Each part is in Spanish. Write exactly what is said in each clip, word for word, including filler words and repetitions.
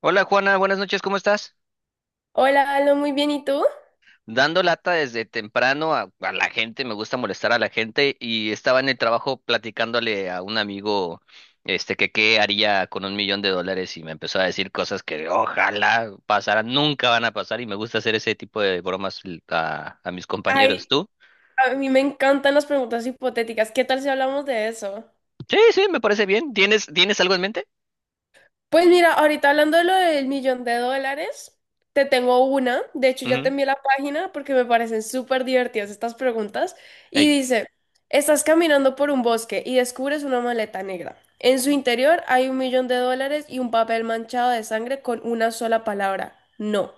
Hola Juana, buenas noches, ¿cómo estás? Hola, Aló, muy bien, ¿y tú? Dando lata desde temprano a, a la gente, me gusta molestar a la gente y estaba en el trabajo platicándole a un amigo este que qué haría con un millón de dólares y me empezó a decir cosas que ojalá pasaran, nunca van a pasar y me gusta hacer ese tipo de bromas l- a, a mis compañeros. Ay, ¿Tú? a mí me encantan las preguntas hipotéticas. ¿Qué tal si hablamos de eso? Sí, sí, me parece bien. ¿Tienes, tienes algo en mente? Pues mira, ahorita hablando de lo del millón de dólares, te tengo una. De hecho, ya te Ujú. envié la página porque me parecen súper divertidas estas preguntas. Y Ey. dice, estás caminando por un bosque y descubres una maleta negra. En su interior hay un millón de dólares y un papel manchado de sangre con una sola palabra, no.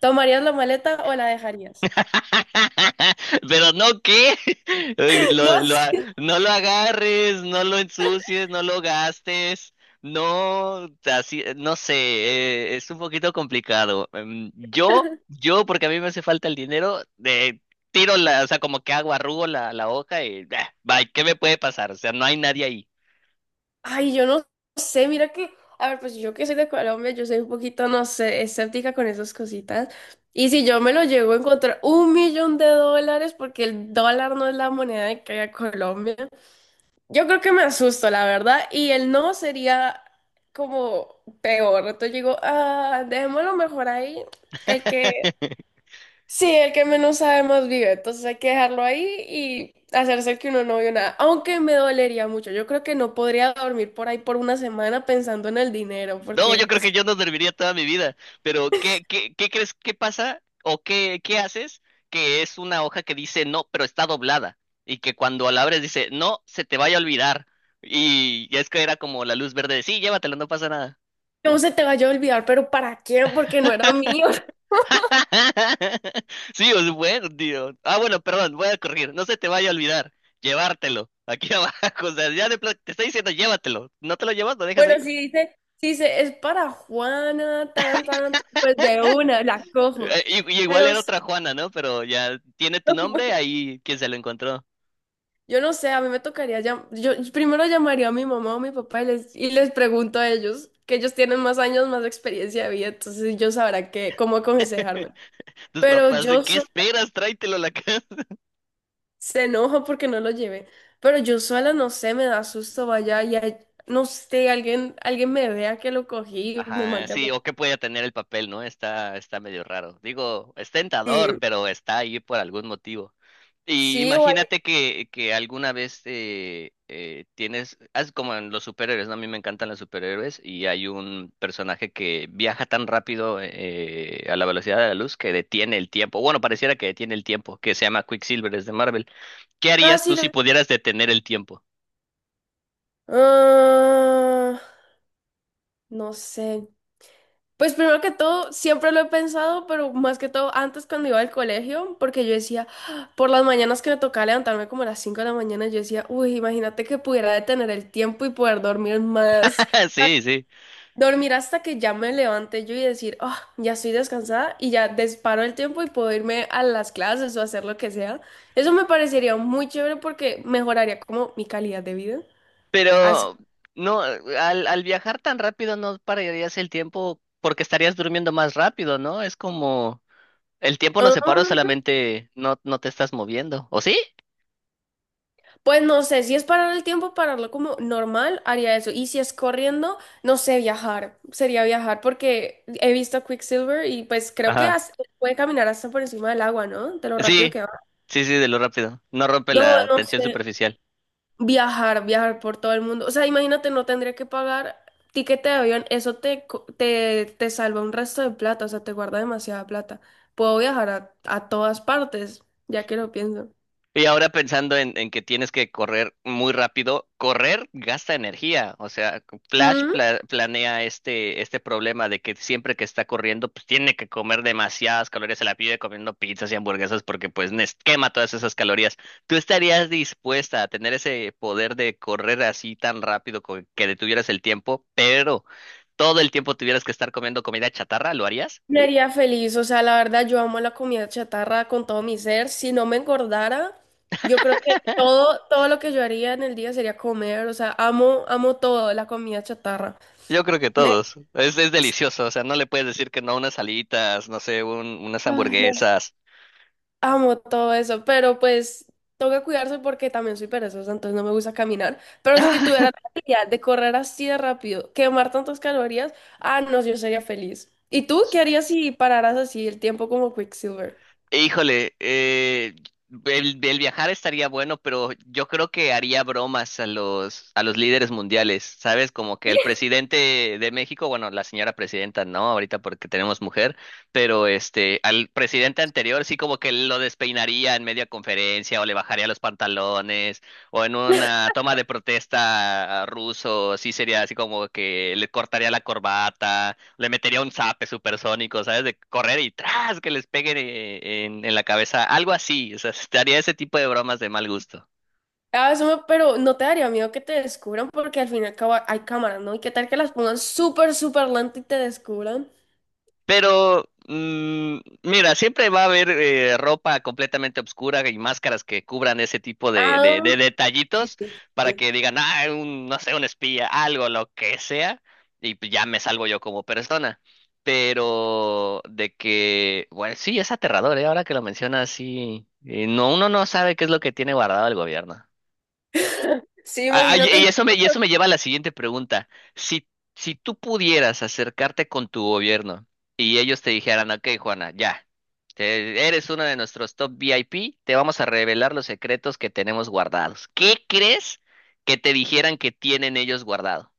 ¿Tomarías la maleta o la dejarías? Pero no, ¿qué? No. Lo- lo a- no lo agarres, no lo ensucies, no lo gastes. No, así, no sé, eh, es un poquito complicado. Em, Yo, yo, porque a mí me hace falta el dinero, eh, tiro la, o sea, como que hago, arrugo la, la hoja y bah, bye, ¿qué me puede pasar? O sea, no hay nadie ahí. Ay, yo no sé, mira que, a ver, pues yo que soy de Colombia, yo soy un poquito, no sé, escéptica con esas cositas. Y si yo me lo llego a encontrar un millón de dólares, porque el dólar no es la moneda de que hay Colombia, yo creo que me asusto, la verdad, y el no sería como peor. Entonces yo digo, ah, dejémoslo mejor ahí, el que sí, el que menos sabe más vive, entonces hay que dejarlo ahí y hacerse que uno no vio nada, aunque me dolería mucho. Yo creo que no podría dormir por ahí por una semana pensando en el dinero, No, yo porque creo que es yo no dormiría toda mi vida, pero ¿qué, qué, qué crees que pasa o qué, qué haces que es una hoja que dice no, pero está doblada y que cuando la abres dice no, se te vaya a olvidar, y ya es que era como la luz verde de sí, llévatelo, no pasa nada. no se te vaya a olvidar, pero ¿para qué? Porque no era mío. Sí, es bueno, tío. Ah, bueno, perdón, voy a corregir, no se te vaya a olvidar, llevártelo, aquí abajo, o sea, ya de pla- te está diciendo llévatelo, no te lo llevas, lo dejas Bueno, ahí. si dice, si dice, es para Juana, tan, tan, tan", pues de una, la cojo. Eh, Y, y igual Pero era sí, otra Juana, ¿no? Pero ya tiene tu nombre, ahí quien se lo encontró. yo no sé, a mí me tocaría llam- yo primero llamaría a mi mamá o mi papá y les, y les pregunto a ellos, que ellos tienen más años, más experiencia de vida, entonces ellos sabrán qué, cómo aconsejarme. Tus Pero papás, ¿de yo ¿qué so- esperas? Tráetelo a la casa. se enoja porque no lo llevé. Pero yo sola no sé, me da susto, vaya, y hay- no sé, alguien, alguien me vea que lo cogí, y me Ajá, mande a... sí, o qué puede tener el papel, ¿no? Está, está medio raro. Digo, es Sí, tentador, pero está ahí por algún motivo. Y sí, o alguien- imagínate que, que alguna vez eh, eh, tienes, haz como en los superhéroes, ¿no? A mí me encantan los superhéroes y hay un personaje que viaja tan rápido, eh, a la velocidad de la luz, que detiene el tiempo. Bueno, pareciera que detiene el tiempo, que se llama Quicksilver, es de Marvel. ¿Qué Ah, harías sí, tú lo... si pudieras detener el tiempo? Ah, no sé. Pues primero que todo, siempre lo he pensado, pero más que todo antes cuando iba al colegio, porque yo decía, "Ah", por las mañanas que me tocaba levantarme como a las cinco de la mañana, yo decía, uy, imagínate que pudiera detener el tiempo y poder dormir más, Sí, sí. dormir hasta que ya me levante yo y decir, oh, ya estoy descansada y ya disparo el tiempo y puedo irme a las clases o hacer lo que sea. Eso me parecería muy chévere porque mejoraría como mi calidad de vida. Así. Pero no, al, al viajar tan rápido no pararías el tiempo porque estarías durmiendo más rápido, ¿no? Es como el tiempo no Ah, se paró, solamente no, no te estás moviendo. ¿O sí? pues no sé, si es parar el tiempo, pararlo como normal, haría eso. Y si es corriendo, no sé, viajar. Sería viajar porque he visto a Quicksilver y pues creo que Ajá. hasta- puede caminar hasta por encima del agua, ¿no? De lo rápido Sí, que va. sí, sí, de lo rápido. No rompe No, la no tensión sé. superficial. Viajar, viajar por todo el mundo. O sea, imagínate, no tendría que pagar tiquete de avión. Eso te, co- te, te salva un resto de plata, o sea, te guarda demasiada plata. Puedo viajar a, a todas partes, ya que lo pienso. Y ahora pensando en, en que tienes que correr muy rápido, correr gasta energía. O sea, Flash pla- planea este, este problema de que siempre que está corriendo, pues tiene que comer demasiadas calorías, se la pide comiendo pizzas y hamburguesas porque pues nes- quema todas esas calorías. ¿Tú estarías dispuesta a tener ese poder de correr así tan rápido co- que detuvieras el tiempo, pero todo el tiempo tuvieras que estar comiendo comida chatarra? ¿Lo harías? Me haría feliz, o sea, la verdad yo amo la comida chatarra con todo mi ser. Si no me engordara, yo creo que todo, todo lo que yo haría en el día sería comer, o sea, amo, amo todo, la comida chatarra. Yo creo que Me, todos. Es, es delicioso, o sea, no le puedes decir que no a unas alitas, no sé, un- unas ah, no, hamburguesas. amo todo eso, pero pues toca cuidarse porque también soy perezosa, entonces no me gusta caminar. Pero si tuviera la habilidad de correr así de rápido, quemar tantas calorías, ah, no, yo sería feliz. ¿Y tú qué harías si pararas así el tiempo como Quicksilver? E, Híjole, eh, el, el viajar estaría bueno, pero yo creo que haría bromas a los, a los líderes mundiales, ¿sabes? Como que el presidente de México, bueno, la señora presidenta no, ahorita porque tenemos mujer, pero este, al presidente anterior sí, como que lo despeinaría en media conferencia o le bajaría los pantalones o en una toma de protesta a ruso, sí sería así como que le cortaría la corbata, le metería un zape supersónico, ¿sabes? De correr y tras que les peguen, eh, en, en la cabeza, algo así, o sea, te haría ese tipo de bromas de mal gusto. Ah, eso me- pero no te daría miedo que te descubran porque al fin y al cabo hay cámaras, ¿no? ¿Y qué tal que las pongan súper, súper lento y te descubran? Pero, mm, mira, siempre va a haber eh, ropa completamente oscura y máscaras que cubran ese tipo de, de- de Ah, sí, detallitos, sí, para sí. que digan, ah, un, no sé, un espía, algo, lo que sea, y pues ya me salvo yo como persona. Pero de que, bueno, sí, es aterrador, ¿eh? Ahora que lo mencionas, sí. Eh, no, uno no sabe qué es lo que tiene guardado el gobierno. Sí, Ah, ah, y y imagínate. eso me, y eso me lleva a la siguiente pregunta. Si, si tú pudieras acercarte con tu gobierno y ellos te dijeran, ok, Juana, ya, te- eres uno de nuestros top V I P, te vamos a revelar los secretos que tenemos guardados. ¿Qué crees que te dijeran que tienen ellos guardado?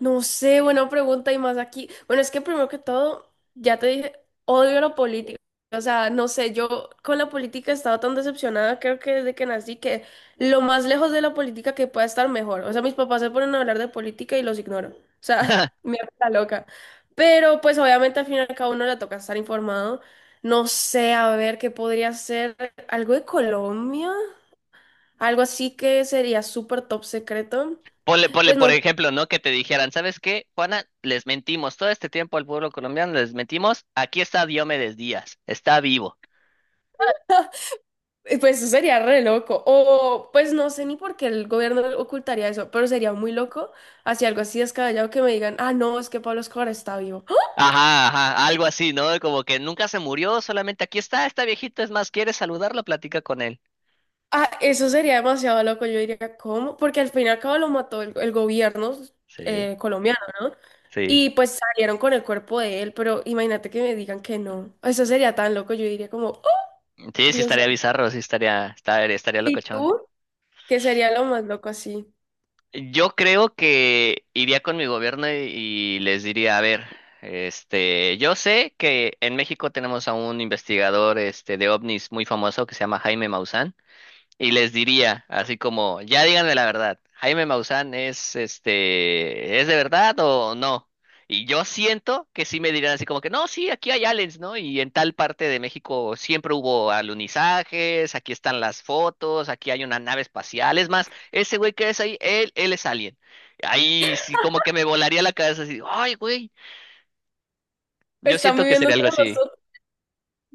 No sé, buena pregunta y más aquí. Bueno, es que primero que todo, ya te dije, odio la política. O sea, no sé, yo con la política he estado tan decepcionada, creo que desde que nací, que lo más lejos de la política que pueda estar mejor. O sea, mis papás se ponen a hablar de política y los ignoro. O sea, me hago la loca. Pero pues obviamente al final cada uno le toca estar informado. No sé, a ver, ¿qué podría ser? ¿Algo de Colombia? Algo así que sería súper top secreto. Ponle, ponle, Pues por no. ejemplo, ¿no? Que te dijeran, ¿sabes qué, Juana? Les mentimos todo este tiempo al pueblo colombiano, les mentimos. Aquí está Diomedes Díaz, está vivo. Eh, Pues eso sería re loco. O pues no sé ni por qué el gobierno ocultaría eso, pero sería muy loco hacia algo así descabellado que me digan, ah, no, es que Pablo Escobar está vivo. ¡Ah! Ajá, ajá, algo así, ¿no? Como que nunca se murió, solamente aquí está esta viejita, es más, ¿quieres saludarla? Platica con él. Ah, eso sería demasiado loco. Yo diría, ¿cómo? Porque al fin y al cabo lo mató el, el gobierno Sí, eh, colombiano, ¿no? sí. Y pues salieron con el cuerpo de él, pero imagínate que me digan que no. Eso sería tan loco. Yo diría como, oh, Sí, sí Dios estaría santo". bizarro, sí estaría, estaría, estaría ¿Y locochón. tú? ¿Qué sería lo más loco así? Yo creo que iría con mi gobierno y, y les diría, a ver, este, yo sé que en México tenemos a un investigador, este, de ovnis muy famoso que se llama Jaime Maussan, y les diría, así como, ya díganme la verdad, Jaime Maussan es este, ¿es de verdad o no? Y yo siento que sí me dirán así como que, no, sí, aquí hay aliens, ¿no? Y en tal parte de México siempre hubo alunizajes, aquí están las fotos, aquí hay una nave espacial, es más, ese güey que es ahí, él, él es alien. Ahí sí como que me volaría la cabeza así, ay, güey, yo Están siento que viviendo sería entre algo así. nosotros.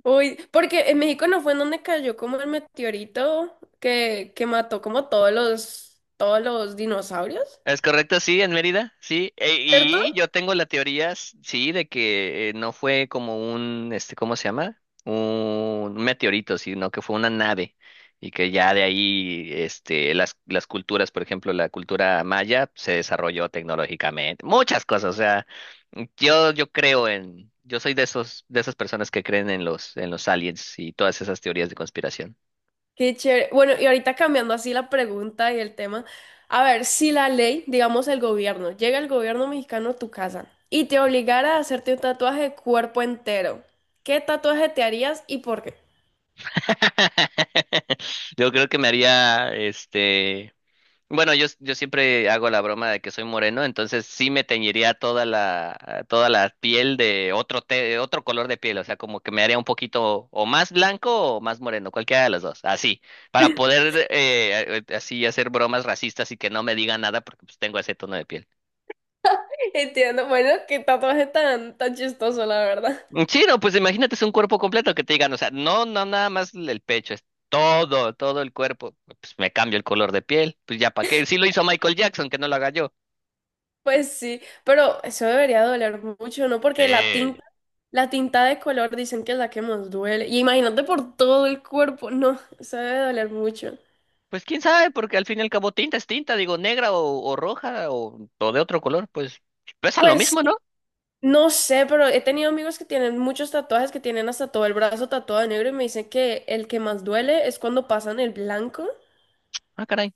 Uy, porque en México no fue en donde cayó como el meteorito que, que mató como todos los, todos los dinosaurios, Es correcto, sí, en Mérida, sí. E- ¿cierto? Y yo tengo la teoría, s- sí, de que eh, no fue como un, este, ¿cómo se llama? Un meteorito, sino que fue una nave. Y que ya de ahí, este, las, las culturas, por ejemplo, la cultura maya se desarrolló tecnológicamente. Muchas cosas, o sea, yo, yo creo en, yo soy de esos, de esas personas que creen en los, en los aliens y todas esas teorías de conspiración. Qué chévere. Bueno, y ahorita cambiando así la pregunta y el tema, a ver, si la ley, digamos el gobierno, llega el gobierno mexicano a tu casa y te obligara a hacerte un tatuaje de cuerpo entero, ¿qué tatuaje te harías y por qué? Yo creo que me haría, este... Bueno, yo, yo siempre hago la broma de que soy moreno, entonces sí me teñiría toda la, toda la piel de otro, te- otro color de piel, o sea, como que me haría un poquito o más blanco o más moreno, cualquiera de los dos, así, para poder eh, eh, así hacer bromas racistas y que no me digan nada porque pues tengo ese tono de piel. Entiendo, bueno, qué tatuaje tan, tan chistoso, la verdad. Mm, Sí, no, pues imagínate, es un cuerpo completo que te digan, o sea, no, no, nada más el pecho, es todo, todo el cuerpo, pues me cambio el color de piel, pues ya para qué, sí lo hizo Michael Jackson, que no lo haga yo. Pues sí, pero eso debería doler mucho, ¿no? Porque la Sí. tinta La tinta de color dicen que es la que más duele. Y imagínate por todo el cuerpo. No, eso debe doler mucho. Pues quién sabe, porque al fin y al cabo tinta es tinta, digo, negra o, o roja o, o de otro color, pues pesan lo Pues mismo, ¿no? sí, no sé, pero he tenido amigos que tienen muchos tatuajes, que tienen hasta todo el brazo tatuado de negro y me dicen que el que más duele es cuando pasan el blanco. Ah, caray.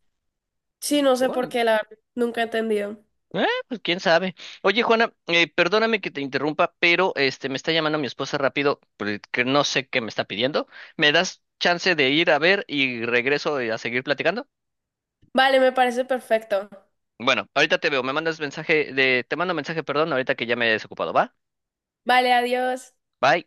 Sí, no sé por Órale. qué, la verdad, nunca he entendido. Eh, pues quién sabe. Oye, Juana, eh, perdóname que te interrumpa, pero este me está llamando mi esposa rápido, porque no sé qué me está pidiendo. ¿Me das chance de ir a ver y regreso, eh, a seguir platicando? Vale, me parece perfecto. Bueno, ahorita te veo, me mandas mensaje de, te mando mensaje, perdón, ahorita que ya me he desocupado, ¿va? Vale, adiós. Bye.